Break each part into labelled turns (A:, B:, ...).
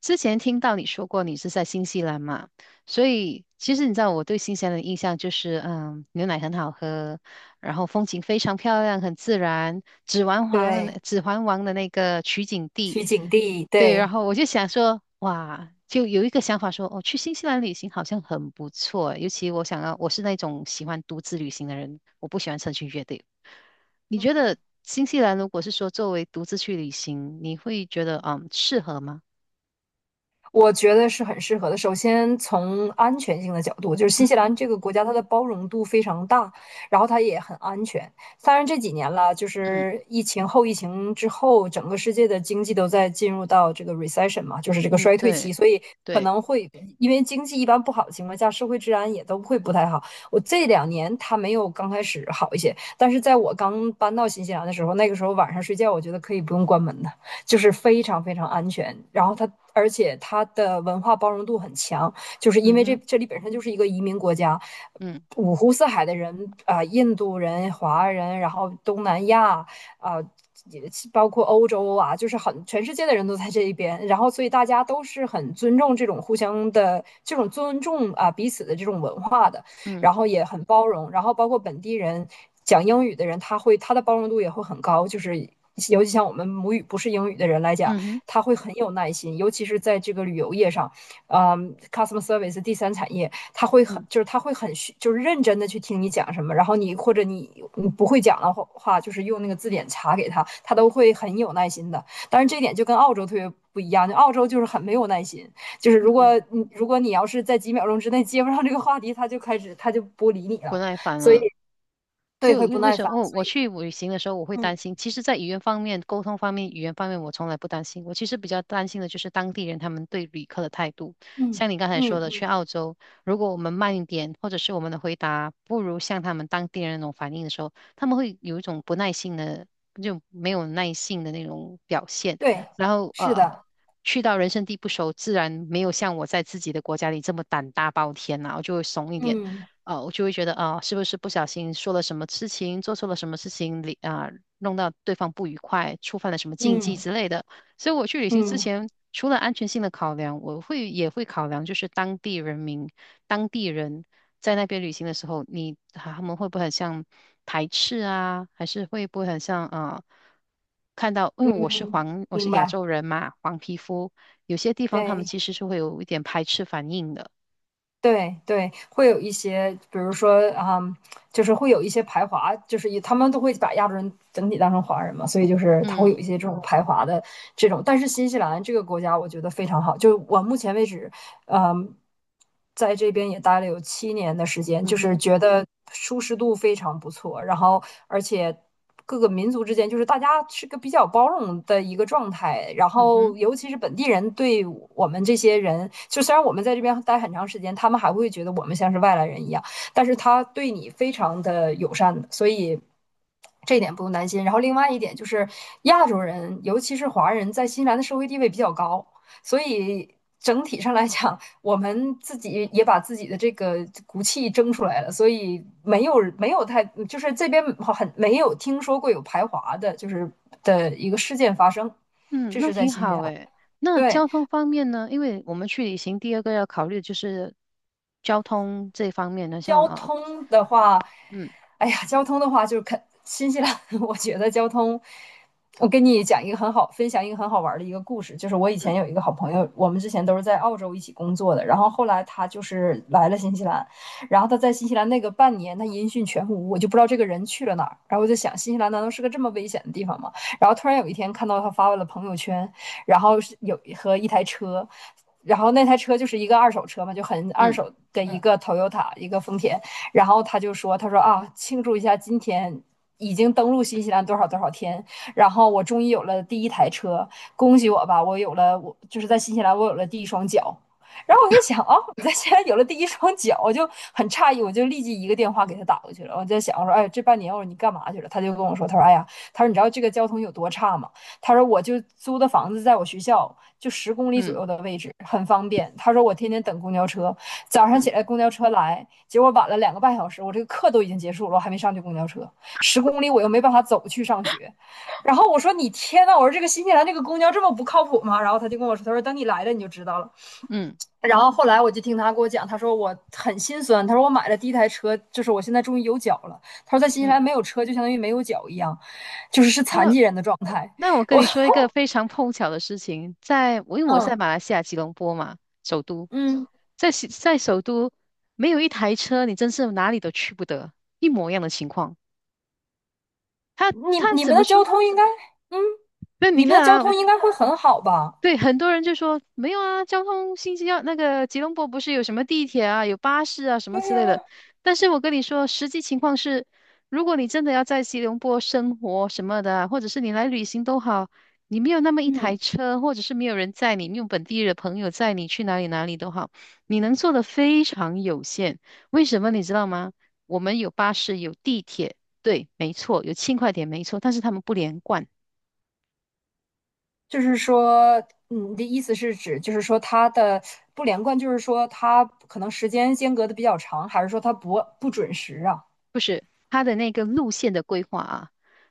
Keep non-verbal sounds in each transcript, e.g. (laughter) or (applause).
A: 之前听到你说过你是在新西兰嘛，所以其实你知道我对新西兰的印象就是，牛奶很好喝，然后风景非常漂亮，很自然。指环王的那
B: 对，
A: 指环王的那个取景地，
B: 取景地，
A: 对，然
B: 对。
A: 后我就想说，哇，就有一个想法说，哦，去新西兰旅行好像很不错，尤其我想要，我是那种喜欢独自旅行的人，我不喜欢成群结队。你觉得
B: 嗯，
A: 新西兰如果是说作为独自去旅行，你会觉得适合吗？
B: 我觉得是很适合的。首先，从安全性的角度，就是
A: 嗯
B: 新西
A: 哼。
B: 兰这个国家，它的包容度非常大，然后它也很安全。当然，这几年了，就是疫情之后，整个世界的经济都在进入到这个 recession 嘛，就是这个
A: 嗯，
B: 衰退
A: 对。
B: 期，所以可
A: 对。
B: 能会因为经济一般不好的情况下，社会治安也都会不太好。我这两年它没有刚开始好一些，但是在我刚搬到新西兰的时候，那个时候晚上睡觉，我觉得可以不用关门的。就是非常非常安全。然后它，而且它的文化包容度很强，就是因
A: 嗯
B: 为这
A: 哼。
B: 这里本身就是一个移民国家，
A: 嗯。
B: 五湖四海的人啊、印度人、华人，然后东南亚啊。也包括欧洲啊，就是很全世界的人都在这一边，然后所以大家都是很尊重这种互相的这种尊重啊彼此的这种文化的，然
A: 嗯
B: 后也很包容，然后包括本地人讲英语的人，他的包容度也会很高，就是尤其像我们母语不是英语的人来讲，
A: 嗯哼。
B: 他会很有耐心，尤其是在这个旅游业上，customer service 第三产业，他会很
A: 嗯
B: 就是他会很就是认真的去听你讲什么，然后你或者你不会讲的话，就是用那个字典查给他，他都会很有耐心的。但是这一点就跟澳洲特别不一样，就澳洲就是很没有耐心。就是如
A: 嗯。
B: 果你如果你要是在几秒钟之内接不上这个话题，他就不理你
A: 不
B: 了，
A: 耐烦
B: 所以
A: 了。
B: 对
A: 就
B: 会不
A: 为为
B: 耐
A: 什
B: 烦。
A: 么哦？我去旅行的时候，我会担
B: 嗯
A: 心。其实，在语言方面、沟通方面，我从来不担心。我其实比较担心的就是当地人他们对旅客的态度。
B: 嗯
A: 像你刚才说
B: 嗯
A: 的，去
B: 嗯，
A: 澳洲，如果我们慢一点，或者是我们的回答不如像他们当地人那种反应的时候，他们会有一种不耐性的，就没有耐性的那种表现。
B: 对，
A: 然后
B: 是的，
A: 去到人生地不熟，自然没有像我在自己的国家里这么胆大包天啦、我就会怂一点。
B: 嗯
A: 啊，我就会觉得啊、是不是不小心说了什么事情，做错了什么事情，里啊、弄到对方不愉快，触犯了什么禁忌
B: 嗯
A: 之类的。所以我去旅行之
B: 嗯
A: 前，除了安全性的考量，我会也会考量就是当地人民、当地人在那边旅行的时候，你他们会不会很像排斥啊，还是会不会很像啊、看到，因为我是
B: 嗯，
A: 黄，我是
B: 明
A: 亚
B: 白，
A: 洲人嘛，黄皮肤，有些地方他们
B: 对。
A: 其实是会有一点排斥反应的。
B: 对对，会有一些，比如说啊、就是会有一些排华，就是以他们都会把亚洲人整体当成华人嘛，所以就是他会有一
A: 嗯。
B: 些这种排华的这种。但是新西兰这个国家，我觉得非常好，就我目前为止嗯，在这边也待了有7年的时间，
A: 嗯
B: 就是
A: 哼。
B: 觉得舒适度非常不错，然后而且各个民族之间就是大家是个比较包容的一个状态，然
A: 嗯
B: 后
A: 哼。
B: 尤其是本地人对我们这些人，就虽然我们在这边待很长时间，他们还会觉得我们像是外来人一样，但是他对你非常的友善的所以。这一点不用担心。然后另外一点就是，亚洲人，尤其是华人，在新西兰的社会地位比较高，所以整体上来讲，我们自己也把自己的这个骨气争出来了，所以没有太就是这边很没有听说过有排华的，就是的一个事件发生，
A: 嗯，
B: 这
A: 那
B: 是在
A: 挺
B: 新西
A: 好
B: 兰。
A: 诶。那
B: 对，
A: 交通方面呢？因为我们去旅行，第二个要考虑的就是交通这方面呢。像
B: 交通的话，
A: 嗯。
B: 哎呀，交通的话就是新西兰，(laughs) 我觉得交通，我跟你讲一个很好，分享一个很好玩儿的一个故事，就是我以前
A: 嗯。
B: 有一个好朋友，我们之前都是在澳洲一起工作的，然后后来他就是来了新西兰，然后他在新西兰那个半年，他音讯全无，我就不知道这个人去了哪儿，然后我就想新西兰难道是个这么危险的地方吗？然后突然有一天看到他发了朋友圈，然后是有和一台车，然后那台车就是一个二手车嘛，就很二
A: 嗯。
B: 手的一个 Toyota，、一个丰田。然后他就说，他说啊，庆祝一下今天。已经登陆新西兰多少多少天，然后我终于有了第一台车，恭喜我吧！我有了，我就是在新西兰我有了第一双脚。然后我在想啊，我在新西兰有了第一双脚，我就很诧异，我就立即一个电话给他打过去了。我在想，我说，哎，这半年我说你干嘛去了？他就跟我说，他说，哎呀，他说你知道这个交通有多差吗？他说我就租的房子在我学校就十公里左
A: 嗯。
B: 右的位置，很方便。他说我天天等公交车，早上起
A: 嗯。
B: 来公交车来，结果晚了2个半小时，我这个课都已经结束了，我还没上去公交车，十公里我又没办法走去上学。然后我说你天呐，我说这个新西兰这个公交这么不靠谱吗？然后他就跟我说，他说等你来了你就知道了。
A: 嗯。
B: 然后后来我就听他给我讲，他说我很心酸，他说我买了第一台车，就是我现在终于有脚了。他说在新西
A: 嗯。
B: 兰没有车就相当于没有脚一样，就是是残
A: 这，
B: 疾人的状态。
A: 那我跟
B: 我
A: 你说一
B: (laughs)
A: 个非常碰巧的事情，在我因为我在
B: 嗯
A: 马来西亚吉隆坡嘛，首都，
B: 嗯，
A: 在西在首都没有一台车，你真是哪里都去不得，一模一样的情况。他
B: 你
A: 他
B: 你
A: 怎
B: 们
A: 么
B: 的
A: 说？
B: 交通应该，嗯，
A: 那你
B: 你们的
A: 看
B: 交
A: 啊，
B: 通应该会很好吧？
A: 对，很多人就说没有啊，交通信息兰那个吉隆坡不是有什么地铁啊、有巴士啊什么之类的。但是我跟你说，实际情况是，如果你真的要在吉隆坡生活什么的啊，或者是你来旅行都好，你没有那么一台
B: 嗯，
A: 车，或者是没有人载你，你用本地的朋友载你去哪里哪里都好，你能做的非常有限。为什么你知道吗？我们有巴士，有地铁，对，没错，有轻快点没错，但是他们不连贯。
B: 就是说，你的意思是指，就是说它的不连贯，就是说它可能时间间隔的比较长，还是说它不准时啊？
A: 不是，它的那个路线的规划啊，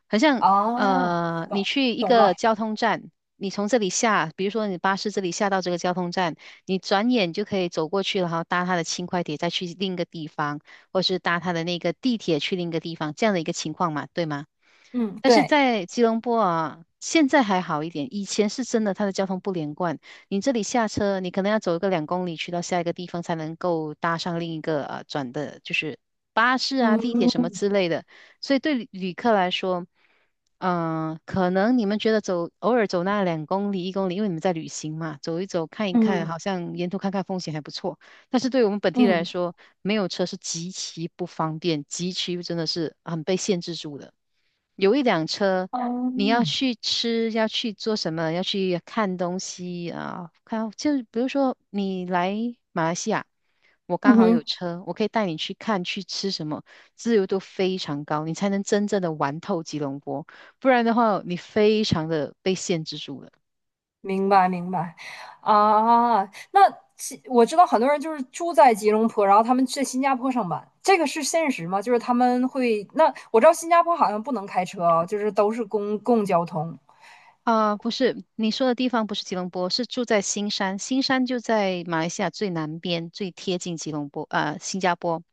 A: 好像
B: 啊，
A: 你
B: 懂
A: 去一
B: 懂
A: 个
B: 了，
A: 交通站，你从这里下，比如说你巴士这里下到这个交通站，你转眼就可以走过去了，然后搭它的轻快铁再去另一个地方，或是搭它的那个地铁去另一个地方，这样的一个情况嘛，对吗？
B: 嗯，
A: 但是
B: 对，
A: 在吉隆坡啊，现在还好一点，以前是真的它的交通不连贯，你这里下车，你可能要走一个两公里去到下一个地方才能够搭上另一个啊转的，就是巴士啊、
B: 嗯
A: 地铁什么
B: 嗯
A: 之类的。所以对旅客来说，嗯、可能你们觉得走偶尔走那两公里、一公里，因为你们在旅行嘛，走一走看一看，
B: 嗯
A: 好像沿途看看风景还不错。但是对我们本地人来
B: 嗯
A: 说，没有车是极其不方便，极其真的是很被限制住的。有一辆车，你要去吃，要去做什么，要去看东西啊，看，就比如说你来马来西亚，我刚
B: 嗯
A: 好有
B: 哼。
A: 车，我可以带你去看去吃什么，自由度非常高，你才能真正的玩透吉隆坡，不然的话，你非常的被限制住了。
B: 明白明白，啊，那我知道很多人就是住在吉隆坡，然后他们去新加坡上班，这个是现实吗？就是他们会，那我知道新加坡好像不能开车啊，就是都是公共交通
A: 啊，不是，你说的地方不是吉隆坡，是住在新山。新山就在马来西亚最南边，最贴近吉隆坡，新加坡。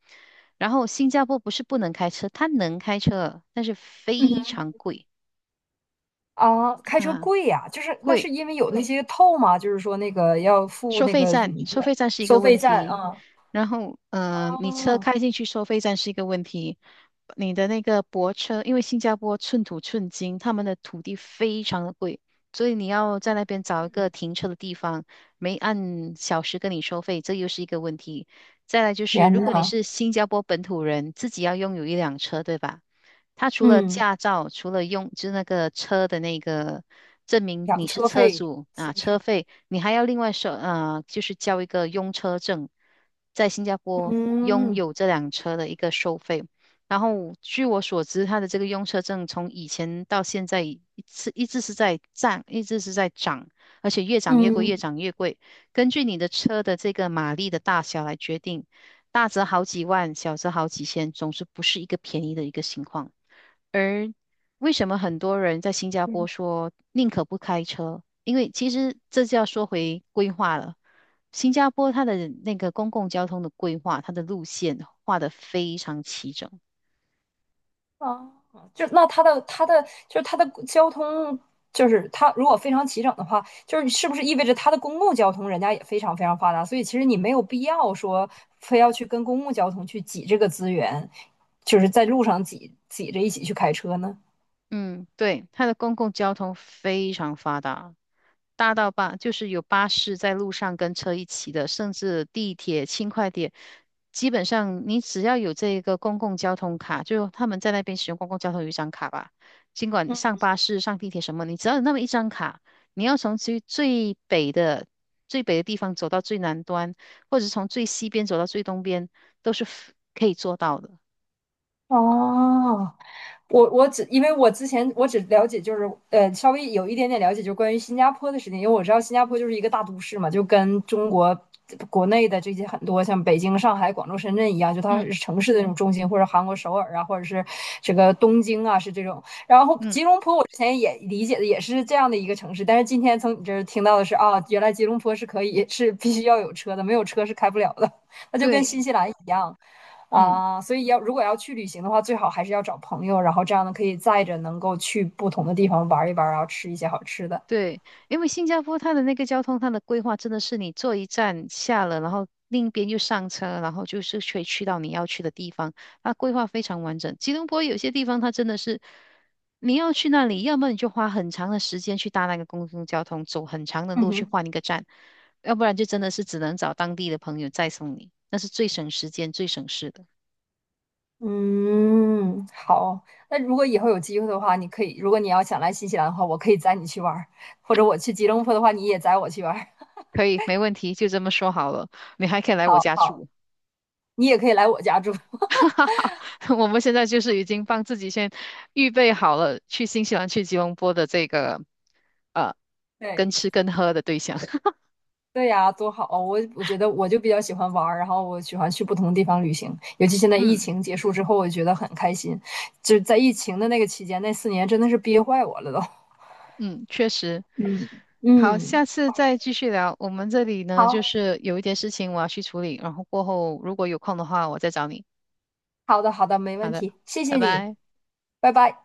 A: 然后新加坡不是不能开车，它能开车，但是非常贵。
B: 啊，开车
A: 啊，
B: 贵呀，就是那是
A: 贵。
B: 因为有那些透嘛，就是说那个要付
A: 收
B: 那
A: 费
B: 个什么
A: 站，收费站是一
B: 收
A: 个问
B: 费站
A: 题。
B: 啊，
A: 然后，你车
B: 哦，
A: 开进去收费站是一个问题。你的那个泊车，因为新加坡寸土寸金，他们的土地非常的贵，所以你要在那
B: 嗯
A: 边找一个停车的地方，没按小时跟你收费，这又是一个问题。再来就是，
B: 天
A: 如果你
B: 呐，
A: 是新加坡本土人，自己要拥有一辆车，对吧？他除了
B: 嗯，
A: 驾照，除了用，就是那个车的那个证明你
B: 养
A: 是
B: 车
A: 车
B: 费
A: 主
B: 是
A: 啊，
B: 不是？
A: 车费。你还要另外收，就是交一个用车证，在新加坡拥
B: 嗯
A: 有这辆车的一个收费。然后据我所知，它的这个用车证从以前到现在一次一直是在涨，一直是在涨，而且越涨越贵，越
B: 嗯。
A: 涨越贵。根据你的车的这个马力的大小来决定，大则好几万，小则好几千，总之不是一个便宜的一个情况。而为什么很多人在新加坡说宁可不开车？因为其实这就要说回规划了。新加坡它的那个公共交通的规划，它的路线画得非常齐整。
B: 啊，就那它的交通，就是它如果非常齐整的话，就是是不是意味着它的公共交通人家也非常非常发达？所以其实你没有必要说非要去跟公共交通去挤这个资源，就是在路上挤挤着一起去开车呢？
A: 嗯，对，它的公共交通非常发达，大到巴就是有巴士在路上跟车一起的，甚至地铁、轻快铁，基本上你只要有这个公共交通卡，就他们在那边使用公共交通有一张卡吧，尽管你上
B: 嗯，
A: 巴士、上地铁什么，你只要有那么一张卡，你要从最北的地方走到最南端，或者是从最西边走到最东边，都是可以做到的。
B: 哦，我只因为我之前只了解就是稍微有一点点了解，就关于新加坡的事情，因为我知道新加坡就是一个大都市嘛，就跟中国国内的这些很多像北京、上海、广州、深圳一样，就它
A: 嗯。
B: 是城市的那种中心，或者韩国首尔啊，或者是这个东京啊，是这种。然后
A: 嗯，
B: 吉隆坡我之前也理解的也是这样的一个城市，但是今天从你这儿听到的是啊，原来吉隆坡是可以是必须要有车的，没有车是开不了的，那就跟
A: 对。
B: 新西兰一样。
A: 嗯。
B: 啊，所以如果要去旅行的话，最好还是要找朋友，然后这样呢可以载着能够去不同的地方玩一玩，然后吃一些好吃的。
A: 对，因为新加坡它的那个交通，它的规划真的是你坐一站下了，然后另一边又上车，然后就是可以去到你要去的地方。它规划非常完整。吉隆坡有些地方它真的是你要去那里，要么你就花很长的时间去搭那个公共交通，走很长的
B: 嗯
A: 路去
B: 哼，
A: 换一个站，要不然就真的是只能找当地的朋友再送你，那是最省时间、最省事的。
B: 嗯，好。那如果以后有机会的话，你可以，如果你要想来新西兰的话，我可以载你去玩儿，或者我去吉隆坡的话，你也载我去玩儿，
A: 可以，没问题，就这么说好了。你还可以来我家住。
B: 你也可以来我家住。
A: (laughs)
B: (laughs)
A: 哈哈哈，我们现在就是已经帮自己先预备好了去新西兰、去吉隆坡的这个呃，
B: 对，
A: 跟吃跟喝的对象。(laughs)
B: 对呀，多好！我觉得我就比较喜欢玩儿，然后我喜欢去不同的地方旅行，尤其现在疫
A: 嗯。
B: 情结束之后，我觉得很开心。就是在疫情的那个期间，那4年真的是憋坏我了都。
A: 嗯，确实。
B: 嗯
A: 好，
B: 嗯，
A: 下次再继续聊。我们这里呢，就
B: 好
A: 是有一点事情我要去处理，然后过后如果有空的话，我再找你。
B: 好的，没
A: 好
B: 问
A: 的，
B: 题，谢
A: 拜
B: 谢你，
A: 拜。
B: 拜拜。